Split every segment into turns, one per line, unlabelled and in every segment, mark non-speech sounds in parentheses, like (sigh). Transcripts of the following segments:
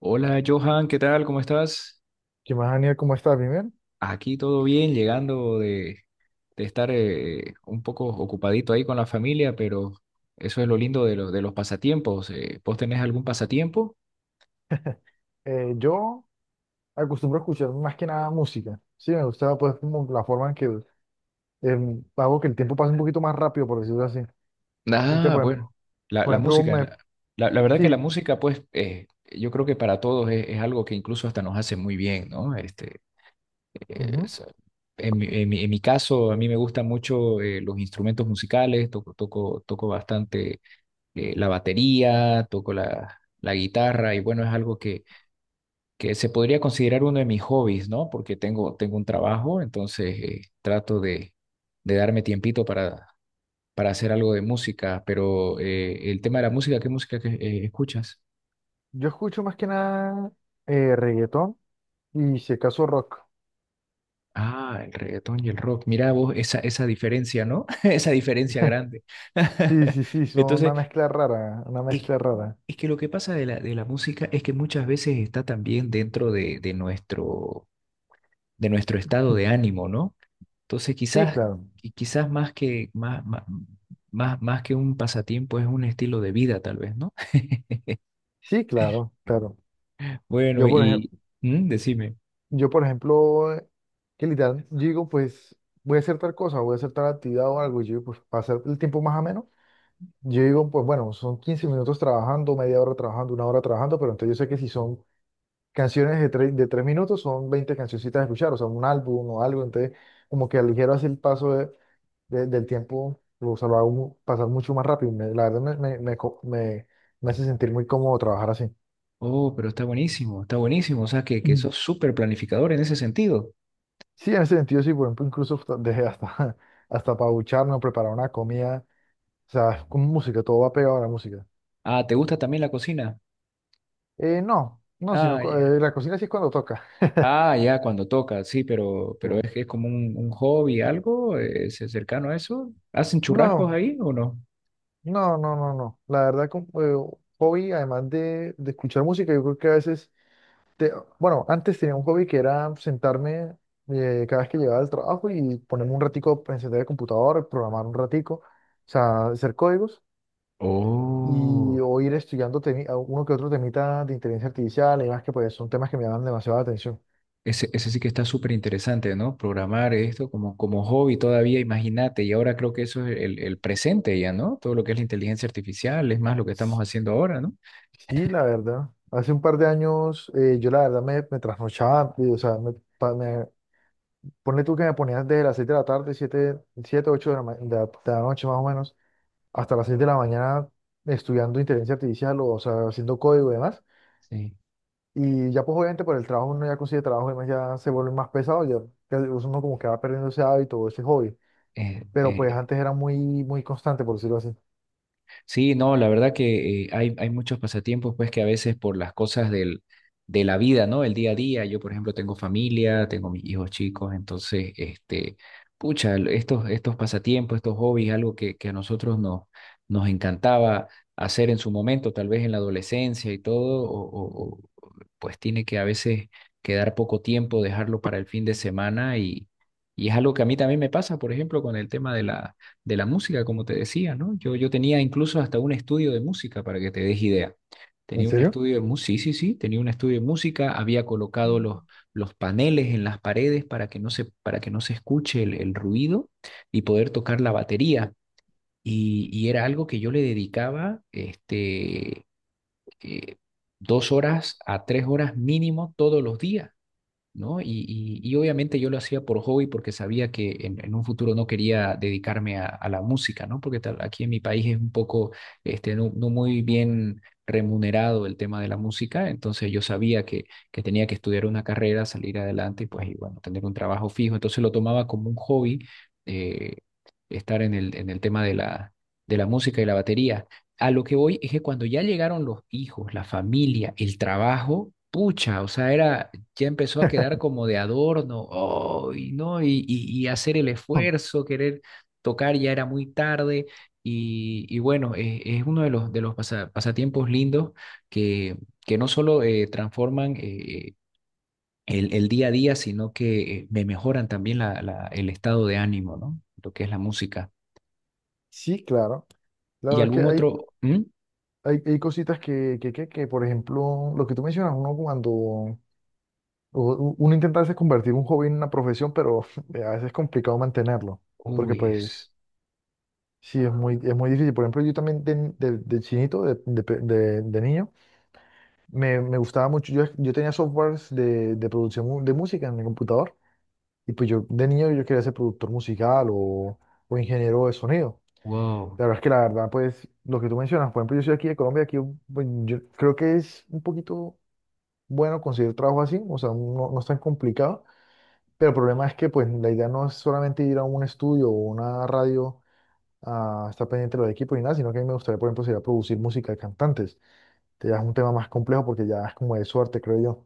Hola Johan, ¿qué tal? ¿Cómo estás?
¿Qué más, Daniel? ¿Cómo estás? Bien, bien.
Aquí todo bien, llegando de estar un poco ocupadito ahí con la familia, pero eso es lo lindo de de los pasatiempos. ¿Vos tenés algún pasatiempo?
Yo acostumbro a escuchar más que nada música. Sí, me gusta pues como la forma en que hago que el tiempo pase un poquito más rápido, por decirlo así. Entonces,
Ah, bueno, la,
por
la
ejemplo,
música.
me,
La verdad que la
sí,
música, pues, yo creo que para todos es algo que incluso hasta nos hace muy bien, ¿no? Este, eh,
ujú.
es- en mi caso, a mí me gustan mucho los instrumentos musicales, toco bastante la batería, toco la guitarra y bueno, es algo que se podría considerar uno de mis hobbies, ¿no? Porque tengo un trabajo, entonces trato de darme tiempito para hacer algo de música, pero el tema de la música, ¿qué música escuchas?
Yo escucho más que nada reggaetón y si acaso rock.
Ah, el reggaetón y el rock. Mira vos esa diferencia, ¿no? (laughs) Esa diferencia grande.
Sí,
(laughs)
sí, sí, son una
Entonces,
mezcla rara, una
es,
mezcla rara.
es que lo que pasa de la música es que muchas veces está también dentro de, de nuestro estado de ánimo, ¿no? Entonces
Sí,
quizás,
claro,
y quizás más que, más, más, más, más que un pasatiempo es un estilo de vida, tal vez, ¿no? (laughs)
sí, claro, claro.
Bueno,
Yo, por ejemplo,
y mm, decime,
yo, por ejemplo, que literal digo, pues voy a hacer tal cosa, voy a hacer tal actividad o algo, y yo, pues, para hacer el tiempo más ameno. Yo digo, pues bueno, son 15 minutos trabajando, media hora trabajando, una hora trabajando, pero entonces yo sé que si son canciones de tres minutos, son 20 cancioncitas a escuchar, o sea, un álbum o algo, entonces como que aligero así el paso del tiempo, o sea, lo hago pasar mucho más rápido. La verdad me hace sentir muy cómodo trabajar así.
oh, pero está buenísimo, o sea que
Mm.
sos súper planificador en ese sentido.
Sí, en ese sentido, sí, por ejemplo, dejé hasta, (laughs) hasta para ducharme, preparar una comida, o sea, con música, todo va pegado a la música.
Ah, ¿te gusta también la cocina?
No, no,
Ah, ya.
la cocina sí es cuando toca.
Ah, ya, cuando toca, sí, pero es que es
(laughs)
como un hobby, algo, es cercano a eso. ¿Hacen churrascos
No,
ahí o no?
no, no, no, no. La verdad, como, hobby, además de escuchar música, yo creo que a veces, te- bueno, antes tenía un hobby que era sentarme cada vez que llegaba del trabajo y ponerme un ratico, a encender el computador, programar un ratico, o sea, hacer códigos y
Oh.
o ir estudiando a uno que otro temita de inteligencia artificial y demás, que pues son temas que me llaman demasiada atención.
Ese sí que está súper interesante, ¿no? Programar esto como, como hobby todavía, imagínate, y ahora creo que eso es el presente ya, ¿no? Todo lo que es la inteligencia artificial, es más lo que estamos
S-
haciendo ahora, ¿no?
Sí, la verdad. Hace un par de años yo la verdad me trasnochaba, o sea, me, ponle tú que me ponías desde las 6 de la tarde, 7 8 de la, de la noche más o menos, hasta las 6 de la mañana estudiando inteligencia artificial o sea, haciendo código y demás.
Sí,
Y ya pues obviamente por el trabajo uno ya consigue trabajo y demás, ya se vuelve más pesado, ya uno como que va perdiendo ese hábito, ese hobby. Pero pues
es,
antes era muy constante, por decirlo así.
sí, no, la verdad que hay muchos pasatiempos, pues que a veces por las cosas de la vida, ¿no? El día a día, yo por ejemplo tengo familia, tengo mis hijos chicos, entonces, este, pucha, estos pasatiempos, estos hobbies, algo que a nosotros nos, nos encantaba hacer en su momento, tal vez en la adolescencia y todo, o pues tiene que a veces quedar poco tiempo, dejarlo para el fin de semana y es algo que a mí también me pasa, por ejemplo, con el tema de la música, como te decía, ¿no? Yo tenía incluso hasta un estudio de música para que te des idea.
¿En
Tenía un
serio?
estudio de música, sí, sí, sí, tenía un estudio de música, había colocado los paneles en las paredes para que no se, para que no se escuche el ruido y poder tocar la batería. Y era algo que yo le dedicaba este, eh, dos horas a tres horas mínimo todos los días. ¿No? Y obviamente yo lo hacía por hobby porque sabía que en un futuro no quería dedicarme a la música, ¿no? Porque tal- aquí en mi país es un poco, este, no, no muy bien remunerado el tema de la música, entonces yo sabía que tenía que estudiar una carrera, salir adelante y pues, y bueno, tener un trabajo fijo, entonces lo tomaba como un hobby, eh, estar en en el tema de de la música y la batería. A lo que voy es que cuando ya llegaron los hijos, la familia, el trabajo, pucha, o sea, era ya empezó a quedar como de adorno, oh, y, ¿no? Y, y hacer el
Hmm.
esfuerzo, querer tocar, ya era muy tarde. Y bueno, es uno de los pasatiempos lindos que, que no solo transforman el día a día, sino que me mejoran también el estado de ánimo, ¿no? Lo que es la música.
Sí, claro.
¿Y
Claro, es que
algún otro? ¿Mm?
hay cositas que, por ejemplo, lo que tú mencionas, uno cuando uno intenta a veces convertir un hobby en una profesión, pero (laughs) a veces es complicado mantenerlo, porque
Uy,
pues
es.
sí, es es muy difícil. Por ejemplo, yo también de chinito, de niño, me gustaba mucho, yo tenía softwares de producción de música en mi computador, y pues yo de niño yo quería ser productor musical o ingeniero de sonido.
Wow.
La verdad, pues lo que tú mencionas, por ejemplo, yo soy aquí de Colombia, aquí pues, yo creo que es un poquito bueno conseguir trabajo así, o sea, no, no es tan complicado. Pero el problema es que pues la idea no es solamente ir a un estudio o una radio a estar pendiente de los equipos ni nada, sino que a mí me gustaría, por ejemplo, sería producir música de cantantes. Que ya es un tema más complejo porque ya es como de suerte, creo yo.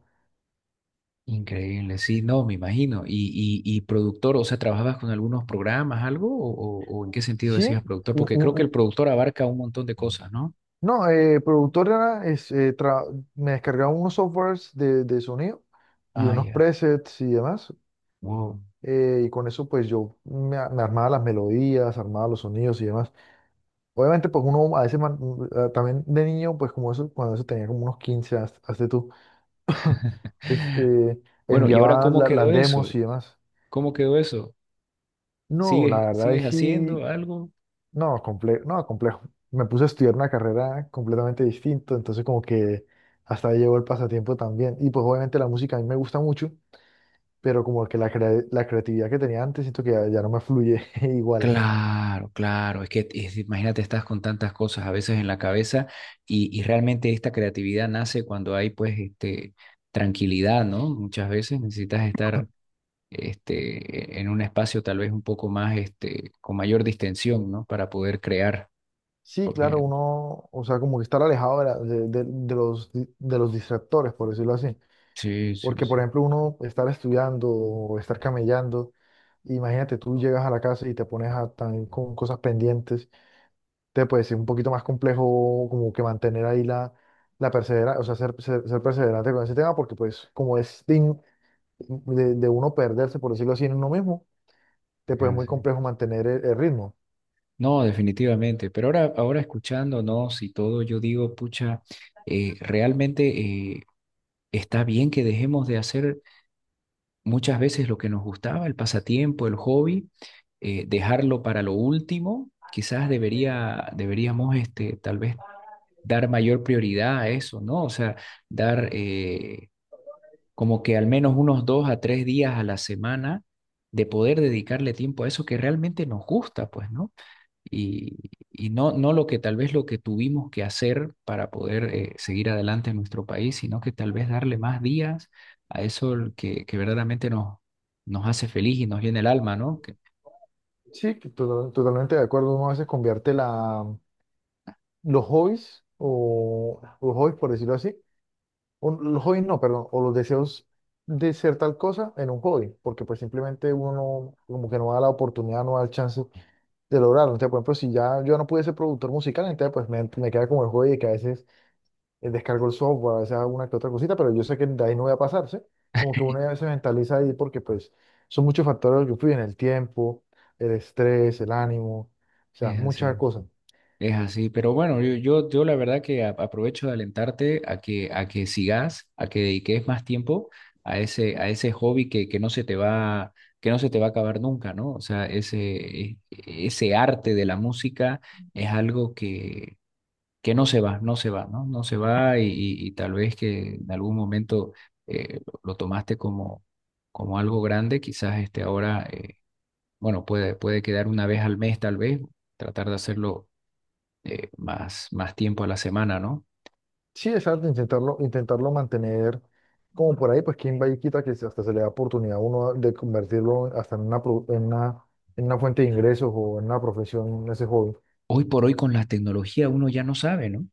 Increíble, sí, no, me imagino. Y productor, o sea, ¿trabajabas con algunos programas, algo? ¿O, o en qué sentido
Sí,
decías productor?
u-
Porque
u-
creo que el
u-
productor abarca un montón de cosas, ¿no?
no, productora es, me descargaba unos softwares de sonido y
Ah,
unos
ya.
presets y demás.
Wow.
Y con eso pues yo me armaba las melodías, armaba los sonidos y demás. Obviamente, pues uno a veces también de niño, pues como eso, cuando eso tenía como unos 15 hazte tú, (laughs) este,
Bueno, ¿y ahora
enviaba
cómo
las
quedó
demos
eso?
y demás.
¿Cómo quedó eso?
No, la
¿Sigues,
verdad
sigues
es
haciendo
sí,
algo?
no, complejo, no, complejo. Me puse a estudiar una carrera completamente distinta, entonces como que hasta ahí llegó el pasatiempo también. Y pues obviamente la música a mí me gusta mucho, pero como que la creatividad que tenía antes siento que ya, ya no me fluye (laughs) igual.
Claro, claro, es que es- imagínate, estás con tantas cosas a veces en la cabeza y realmente esta creatividad nace cuando hay pues este, tranquilidad, ¿no? Muchas veces necesitas estar este, en un espacio tal vez un poco más, este, con mayor distensión, ¿no? Para poder crear,
Sí, claro,
porque
uno, o sea, como que estar alejado de los, de los distractores, por decirlo así.
sí, sí,
Porque, por
sí.
ejemplo, uno estar estudiando o estar camellando, imagínate, tú llegas a la casa y te pones a, también con cosas pendientes, te puede ser un poquito más complejo como que mantener ahí la perseverancia, o sea, ser perseverante con ese tema, porque pues como es de uno perderse, por decirlo así, en uno mismo, te
Es
puede ser muy
así.
complejo mantener el ritmo.
No, definitivamente, pero ahora, ahora escuchándonos y todo, yo digo, pucha, realmente está bien que dejemos de hacer muchas veces lo que nos gustaba, el pasatiempo, el hobby, dejarlo para lo último, quizás debería, deberíamos, este, tal vez dar mayor prioridad a eso, ¿no? O sea, dar... como que al menos unos dos a tres días a la semana de poder dedicarle tiempo a eso que realmente nos gusta, pues, ¿no? Y, y no, no lo que tal vez lo que tuvimos que hacer para poder seguir adelante en nuestro país, sino que tal vez darle más días a eso el que verdaderamente nos, nos hace feliz y nos llena el alma, ¿no? Que
Sí, que totalmente de acuerdo, uno a veces convierte la los hobbies, o los hobbies por decirlo así, o los hobbies no, perdón, o los deseos de ser tal cosa en un hobby, porque pues simplemente uno no- como que no da la oportunidad, no da el chance de lograrlo. Entonces, por ejemplo, si ya yo no pude ser productor musical, entonces pues me queda como el hobby de que a veces descargo el software, a veces hago una que otra cosita, pero yo sé que de ahí no voy a pasar, ¿sí? Como que uno ya se mentaliza ahí porque pues son muchos factores los que influyen, el tiempo, el estrés, el ánimo, o sea,
es
muchas
así.
cosas.
Es así, pero bueno, yo la verdad que aprovecho de alentarte a a que sigas, a que dediques más tiempo a ese hobby que no se te va, que no se te va a acabar nunca, ¿no? O sea, ese, ese arte de la música es algo que no se va, no se va, ¿no? No se va y, y tal vez que en algún momento lo tomaste como, como algo grande, quizás este ahora, bueno, puede quedar una vez al mes tal vez, tratar de hacerlo más tiempo a la semana, ¿no?
Sí, exacto, intentarlo, intentarlo mantener como por ahí, pues quién va y quita hasta se le da oportunidad a uno de convertirlo hasta en una, en una fuente de ingresos o en una profesión, ese hobby.
Hoy por hoy con la tecnología uno ya no sabe, ¿no?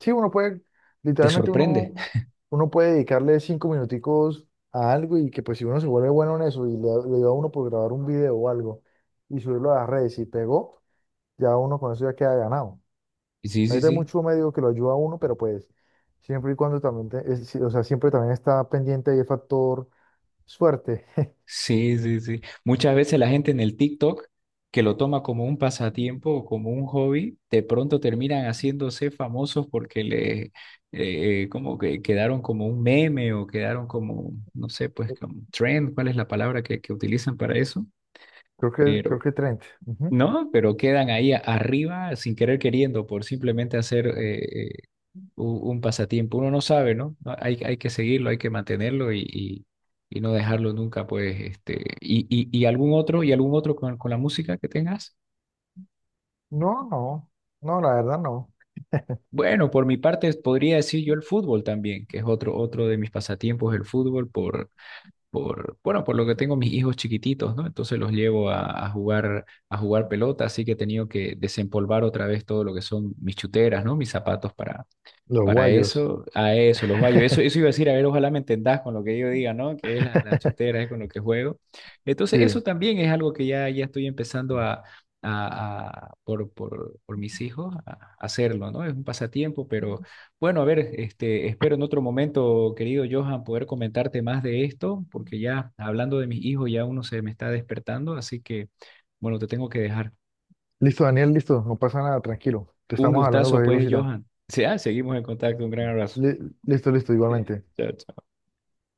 Sí, uno puede,
Te
literalmente
sorprende.
uno, uno puede dedicarle cinco minuticos a algo y que pues si uno se vuelve bueno en eso y le da a uno por grabar un video o algo y subirlo a las redes y pegó, ya uno con eso ya queda ganado.
Sí, sí,
Ahorita hay
sí.
mucho médico que lo ayuda a uno, pero pues siempre y cuando también, sí, o sea, siempre también está pendiente ahí el factor suerte.
Sí, sí, sí. Muchas veces la gente en el TikTok que lo toma como un pasatiempo o como un hobby, de pronto terminan haciéndose famosos porque le como que quedaron como un meme o quedaron como, no sé, pues como
(laughs)
trend, ¿cuál es la palabra que utilizan para eso?
Creo
Pero
que 30. Ujú.
no, pero quedan ahí arriba sin querer queriendo por simplemente hacer un pasatiempo. Uno no sabe, ¿no? No, hay que seguirlo, hay que mantenerlo y no dejarlo nunca, pues, este, y algún otro con la música que tengas.
No, no, no, la verdad no.
Bueno, por mi parte podría decir yo el fútbol también, que es otro, otro de mis pasatiempos, el fútbol, por, bueno, por lo que tengo mis hijos chiquititos, ¿no? Entonces los llevo a jugar pelota, así que he tenido que desempolvar otra vez todo lo que son mis chuteras, ¿no? Mis zapatos para,
Los
Para
guayos.
eso, a eso, los gallos. Eso,
(laughs)
eso iba a decir, a ver, ojalá me entendás con lo que yo diga, ¿no? Que es la chutera, es con lo que juego. Entonces, eso
Sí.
también es algo que ya, ya estoy empezando a, por mis hijos, a hacerlo, ¿no? Es un pasatiempo, pero bueno, a ver, este, espero en otro momento, querido Johan, poder comentarte más de esto, porque ya hablando de mis hijos, ya uno se me está despertando, así que, bueno, te tengo que dejar.
Listo, Daniel, listo, no pasa nada, tranquilo. Te
Un
estamos hablando
gustazo,
cualquier
pues,
cosita.
Johan. Sí, ah, seguimos en contacto, un gran abrazo.
Li- listo, listo,
(laughs)
igualmente.
Chao, chao.